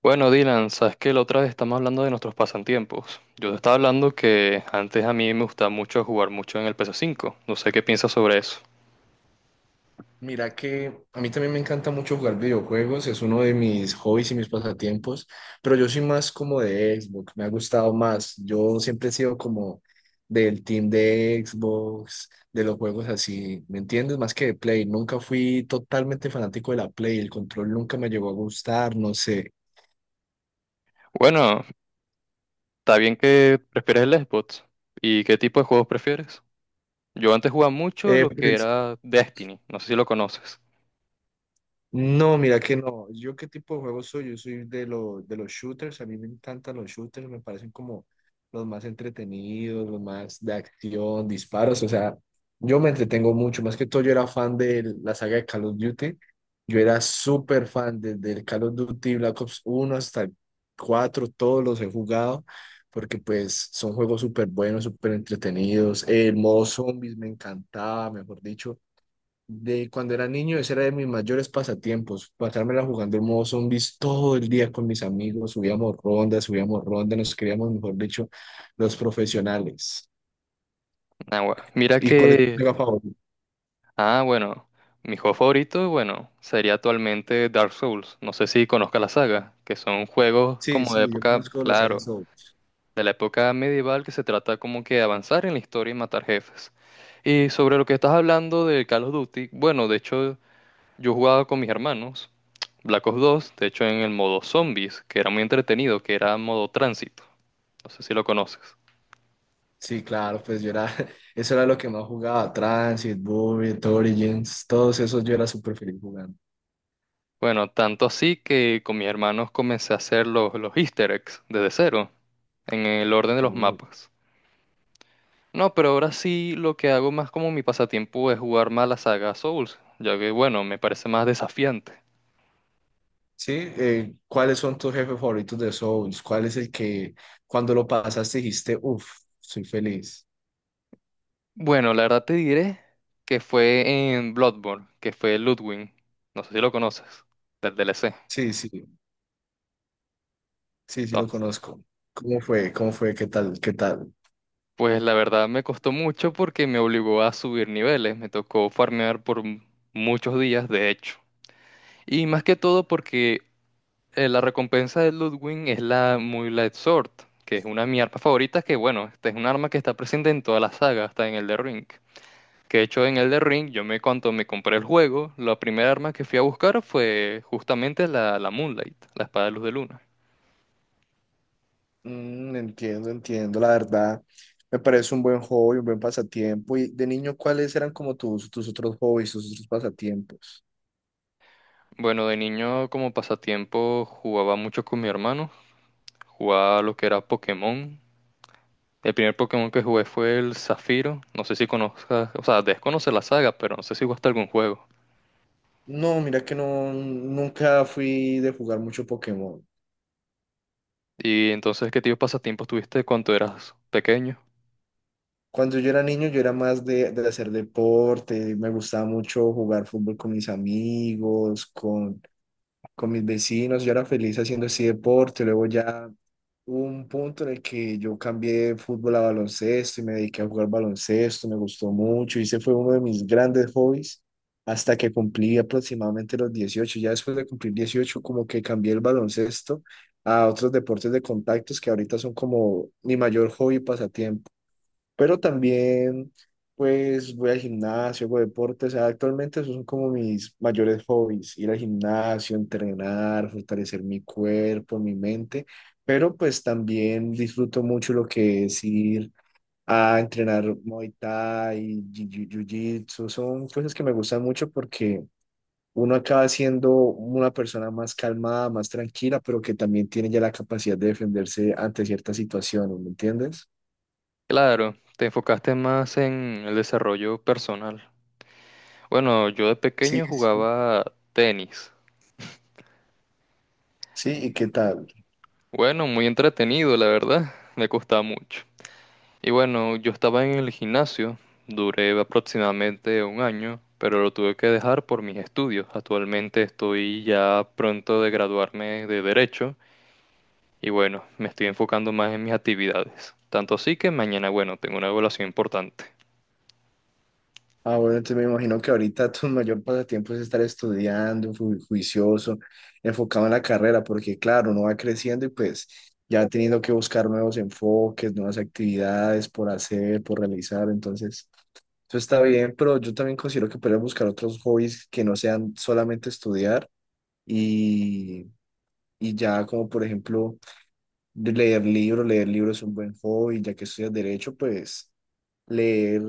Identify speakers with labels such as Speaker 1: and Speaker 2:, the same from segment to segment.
Speaker 1: Bueno, Dylan, sabes que la otra vez estamos hablando de nuestros pasatiempos. Yo te estaba hablando que antes a mí me gustaba mucho jugar mucho en el PS5. No sé qué piensas sobre eso.
Speaker 2: Mira que a mí también me encanta mucho jugar videojuegos, es uno de mis hobbies y mis pasatiempos, pero yo soy más como de Xbox, me ha gustado más. Yo siempre he sido como del team de Xbox, de los juegos así, ¿me entiendes? Más que de Play, nunca fui totalmente fanático de la Play, el control nunca me llegó a gustar, no sé.
Speaker 1: Bueno, está bien que prefieres el Xbox. ¿Y qué tipo de juegos prefieres? Yo antes jugaba mucho
Speaker 2: Eh,
Speaker 1: lo que
Speaker 2: pues,
Speaker 1: era Destiny. No sé si lo conoces.
Speaker 2: No, mira que no. ¿Yo qué tipo de juegos soy? Yo soy de, de los shooters. A mí me encantan los shooters. Me parecen como los más entretenidos, los más de acción, disparos. O sea, yo me entretengo mucho. Más que todo, yo era fan de la saga de Call of Duty. Yo era súper fan desde el Call of Duty Black Ops uno hasta el 4. Todos los he jugado porque pues son juegos súper buenos, súper entretenidos. El modo zombies me encantaba, mejor dicho. De cuando era niño, ese era de mis mayores pasatiempos, pasármela jugando el modo zombies todo el día con mis amigos, subíamos rondas, nos creíamos, mejor dicho, los profesionales.
Speaker 1: Mira
Speaker 2: ¿Y cuál es tu
Speaker 1: que...
Speaker 2: saga favorita?
Speaker 1: Ah, bueno. Mi juego favorito, bueno, sería actualmente Dark Souls. No sé si conozcas la saga, que son juegos
Speaker 2: Sí,
Speaker 1: como de
Speaker 2: sí, yo
Speaker 1: época,
Speaker 2: conozco la saga
Speaker 1: claro.
Speaker 2: Souls.
Speaker 1: De la época medieval que se trata como que de avanzar en la historia y matar jefes. Y sobre lo que estás hablando de Call of Duty, bueno, de hecho yo jugaba con mis hermanos Black Ops 2, de hecho en el modo zombies, que era muy entretenido, que era modo tránsito. No sé si lo conoces.
Speaker 2: Sí, claro, pues yo era, eso era lo que más jugaba, Transit, Bullet, Origins, todos esos yo era súper feliz jugando.
Speaker 1: Bueno, tanto así que con mis hermanos comencé a hacer los easter eggs desde cero, en el orden de los
Speaker 2: Uy.
Speaker 1: mapas. No, pero ahora sí lo que hago más como mi pasatiempo es jugar más la saga Souls, ya que bueno, me parece más desafiante.
Speaker 2: Sí, ¿cuáles son tus jefes favoritos de Souls? ¿Cuál es el que cuando lo pasaste dijiste, uff, soy feliz?
Speaker 1: Bueno, la verdad te diré que fue en Bloodborne, que fue Ludwig. No sé si lo conoces, del DLC.
Speaker 2: Sí, sí. Sí, sí lo
Speaker 1: Entonces,
Speaker 2: conozco. ¿Cómo fue? ¿Cómo fue? ¿Qué tal? ¿Qué tal?
Speaker 1: pues la verdad me costó mucho porque me obligó a subir niveles. Me tocó farmear muchos días, de hecho. Y más que todo porque la recompensa de Ludwig es la Muy Light Sword, que es una de mis armas favoritas, que bueno, esta es un arma que está presente en toda la saga, hasta en el de Ring. Que de hecho en Elden Ring, yo me cuando me compré el juego, la primera arma que fui a buscar fue justamente la Moonlight, la espada de luz de luna.
Speaker 2: Mm, entiendo, entiendo, la verdad. Me parece un buen hobby, un buen pasatiempo. Y de niño, ¿cuáles eran como tus, tus otros hobbies, tus otros pasatiempos?
Speaker 1: Bueno, de niño como pasatiempo jugaba mucho con mi hermano, jugaba lo que era Pokémon. El primer Pokémon que jugué fue el Zafiro, no sé si conozcas, o sea, debes conocer la saga, pero no sé si jugaste algún juego.
Speaker 2: No, mira que no, nunca fui de jugar mucho Pokémon.
Speaker 1: Y entonces, ¿qué tipo de pasatiempos tuviste cuando eras pequeño?
Speaker 2: Cuando yo era niño, yo era más de hacer deporte, me gustaba mucho jugar fútbol con mis amigos, con mis vecinos, yo era feliz haciendo así deporte, luego ya hubo un punto en el que yo cambié de fútbol a baloncesto y me dediqué a jugar baloncesto, me gustó mucho y ese fue uno de mis grandes hobbies hasta que cumplí aproximadamente los 18. Ya después de cumplir 18 como que cambié el baloncesto a otros deportes de contactos que ahorita son como mi mayor hobby y pasatiempo, pero también pues voy al gimnasio, hago deporte, o sea, actualmente esos son como mis mayores hobbies, ir al gimnasio, entrenar, fortalecer mi cuerpo, mi mente, pero pues también disfruto mucho lo que es ir a entrenar Muay Thai, Jiu-Jitsu, son cosas que me gustan mucho porque uno acaba siendo una persona más calmada, más tranquila, pero que también tiene ya la capacidad de defenderse ante ciertas situaciones, ¿me entiendes?
Speaker 1: Claro, te enfocaste más en el desarrollo personal. Bueno, yo de
Speaker 2: Sí,
Speaker 1: pequeño
Speaker 2: sí.
Speaker 1: jugaba tenis.
Speaker 2: Sí, ¿y qué tal?
Speaker 1: Bueno, muy entretenido, la verdad. Me costaba mucho. Y bueno, yo estaba en el gimnasio, duré aproximadamente un año, pero lo tuve que dejar por mis estudios. Actualmente estoy ya pronto de graduarme de Derecho y bueno, me estoy enfocando más en mis actividades. Tanto así que mañana, bueno, tengo una evaluación importante.
Speaker 2: Ah, bueno, entonces me imagino que ahorita tu mayor pasatiempo es estar estudiando, juicioso, enfocado en la carrera, porque claro, uno va creciendo y pues ya teniendo que buscar nuevos enfoques, nuevas actividades por hacer, por realizar, entonces eso está bien, pero yo también considero que puedes buscar otros hobbies que no sean solamente estudiar y, y ya como por ejemplo de leer libros es un buen hobby, ya que estudias derecho, pues... Leer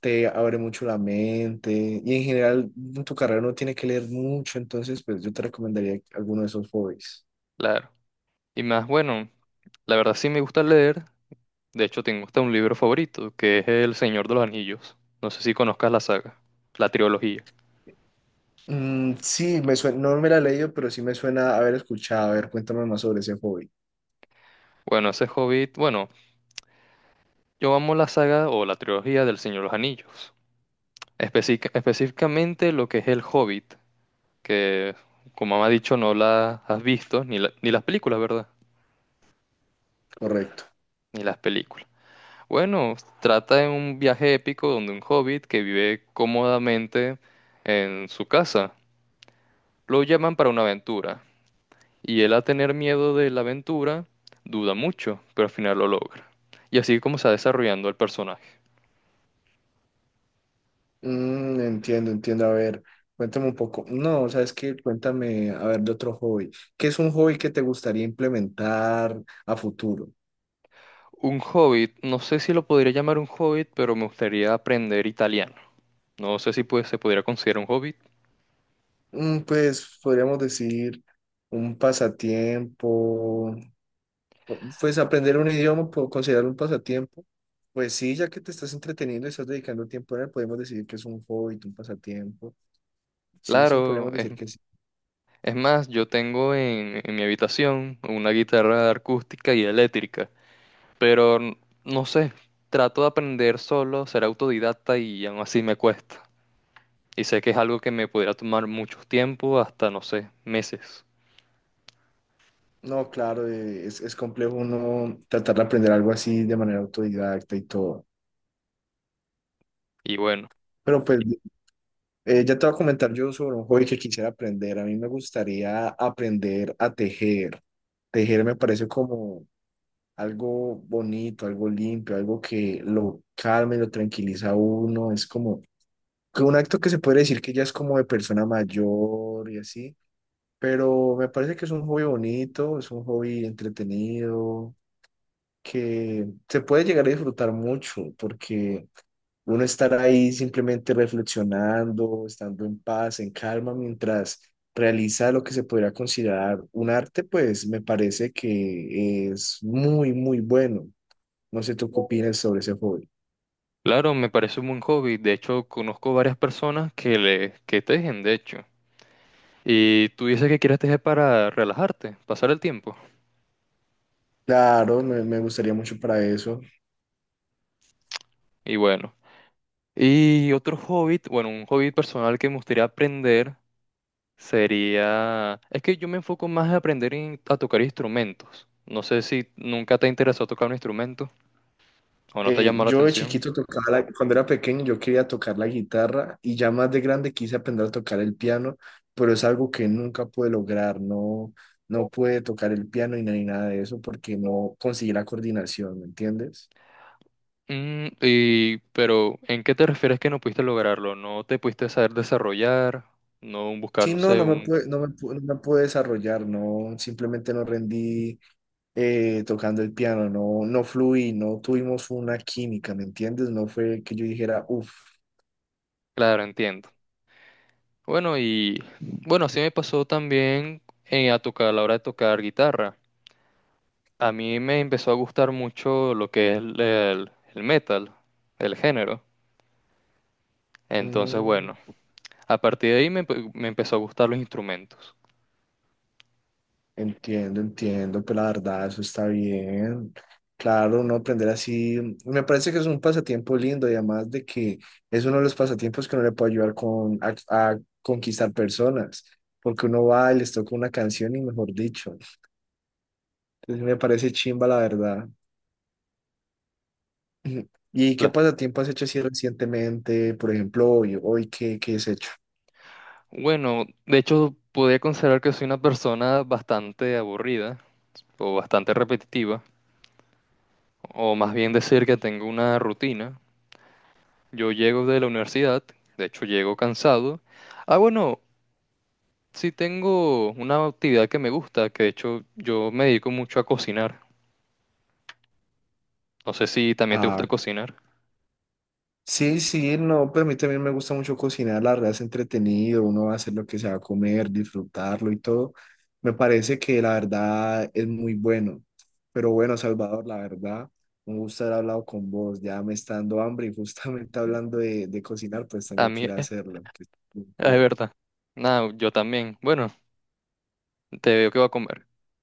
Speaker 2: te abre mucho la mente y en general en tu carrera no tiene que leer mucho, entonces pues yo te recomendaría alguno de esos hobbies.
Speaker 1: Claro. Y más, bueno, la verdad sí me gusta leer. De hecho, tengo hasta un libro favorito, que es El Señor de los Anillos. No sé si conozcas la saga, la trilogía.
Speaker 2: Mm, sí, me suena, no me la he leído, pero sí me suena haber escuchado. A ver, cuéntame más sobre ese hobby.
Speaker 1: Bueno, ese Hobbit, bueno, yo amo la saga o la trilogía del Señor de los Anillos. Específicamente lo que es el Hobbit, que como me ha dicho no la has visto, ni las películas, ¿verdad?
Speaker 2: Correcto.
Speaker 1: Ni las películas. Bueno, trata de un viaje épico donde un hobbit que vive cómodamente en su casa, lo llaman para una aventura, y él a tener miedo de la aventura duda mucho, pero al final lo logra. Y así como se va desarrollando el personaje.
Speaker 2: Mm, entiendo, entiendo. A ver, cuéntame un poco. No, ¿sabes qué? Cuéntame, a ver, de otro hobby. ¿Qué es un hobby que te gustaría implementar a futuro?
Speaker 1: Un hobbit, no sé si lo podría llamar un hobbit, pero me gustaría aprender italiano. No sé si pues, se podría considerar un hobbit.
Speaker 2: Mm, pues podríamos decir un pasatiempo. Pues aprender un idioma, puedo considerarlo un pasatiempo. Pues sí, ya que te estás entreteniendo y estás dedicando tiempo a él, podemos decir que es un hobby, un pasatiempo. Sí, sí,
Speaker 1: Claro,
Speaker 2: podríamos decir que sí.
Speaker 1: es más, yo tengo en mi habitación una guitarra acústica y eléctrica, pero no sé, trato de aprender solo, ser autodidacta y aún así me cuesta. Y sé que es algo que me podría tomar mucho tiempo, hasta no sé, meses.
Speaker 2: No, claro, es complejo uno tratar de aprender algo así de manera autodidacta y todo.
Speaker 1: Y bueno,
Speaker 2: Pero pues ya te voy a comentar yo sobre un hobby que quisiera aprender. A mí me gustaría aprender a tejer. Tejer me parece como algo bonito, algo limpio, algo que lo calma y lo tranquiliza a uno. Es como que un acto que se puede decir que ya es como de persona mayor y así, pero me parece que es un hobby bonito, es un hobby entretenido, que se puede llegar a disfrutar mucho, porque uno estar ahí simplemente reflexionando, estando en paz, en calma, mientras realiza lo que se podría considerar un arte, pues me parece que es muy, muy bueno. No sé tú qué opinas sobre ese hobby.
Speaker 1: claro, me parece un buen hobby. De hecho, conozco varias personas que tejen, de hecho. Y tú dices que quieres tejer para relajarte, pasar el tiempo.
Speaker 2: Claro, me gustaría mucho para eso.
Speaker 1: Y bueno. Y otro hobby, bueno, un hobby personal que me gustaría aprender sería... Es que yo me enfoco más a a tocar instrumentos. No sé si nunca te interesó tocar un instrumento o no te ha llamado la
Speaker 2: Yo de
Speaker 1: atención.
Speaker 2: chiquito tocaba, cuando era pequeño yo quería tocar la guitarra y ya más de grande quise aprender a tocar el piano, pero es algo que nunca pude lograr, no, no pude tocar el piano y ni nada de eso porque no conseguí la coordinación, ¿me entiendes?
Speaker 1: Mm, y... Pero, ¿en qué te refieres que no pudiste lograrlo? ¿No te pudiste saber desarrollar? ¿No buscar,
Speaker 2: Sí,
Speaker 1: no
Speaker 2: no,
Speaker 1: sé, un...
Speaker 2: no me pude desarrollar, no, simplemente no rendí tocando el piano, no, no fluí, no tuvimos una química, ¿me entiendes? No fue que yo dijera, uff.
Speaker 1: Claro, entiendo. Bueno, y bueno, así me pasó también a tocar, a la hora de tocar guitarra. A mí me empezó a gustar mucho lo que es el metal, el género. Entonces, bueno, a partir de ahí me empezó a gustar los instrumentos.
Speaker 2: Entiendo, entiendo, pues la verdad, eso está bien. Claro, uno aprender así, me parece que es un pasatiempo lindo y además de que es uno de los pasatiempos que uno le puede ayudar con, a conquistar personas, porque uno va y les toca una canción y mejor dicho. Entonces me parece chimba, la verdad. Ujú. ¿Y qué
Speaker 1: La-
Speaker 2: pasatiempo has hecho así recientemente? Por ejemplo, hoy, hoy ¿qué, qué has hecho?
Speaker 1: Bueno, de hecho, podría considerar que soy una persona bastante aburrida o bastante repetitiva, o más bien decir que tengo una rutina. Yo llego de la universidad, de hecho llego cansado. Ah, bueno, sí tengo una actividad que me gusta, que de hecho yo me dedico mucho a cocinar. No sé si también te
Speaker 2: Ah.
Speaker 1: gusta cocinar.
Speaker 2: Sí, sí, no, pero a mí también me gusta mucho cocinar, la verdad es entretenido, uno va a hacer lo que se va a comer, disfrutarlo y todo. Me parece que la verdad es muy bueno. Pero bueno, Salvador, la verdad, un gusto haber hablado con vos, ya me está dando hambre y justamente hablando de cocinar, pues
Speaker 1: A
Speaker 2: tengo
Speaker 1: mí,
Speaker 2: que ir a hacerlo. Que-
Speaker 1: es
Speaker 2: Cuídate.
Speaker 1: verdad. Nada, yo también. Bueno, te veo que voy a comer.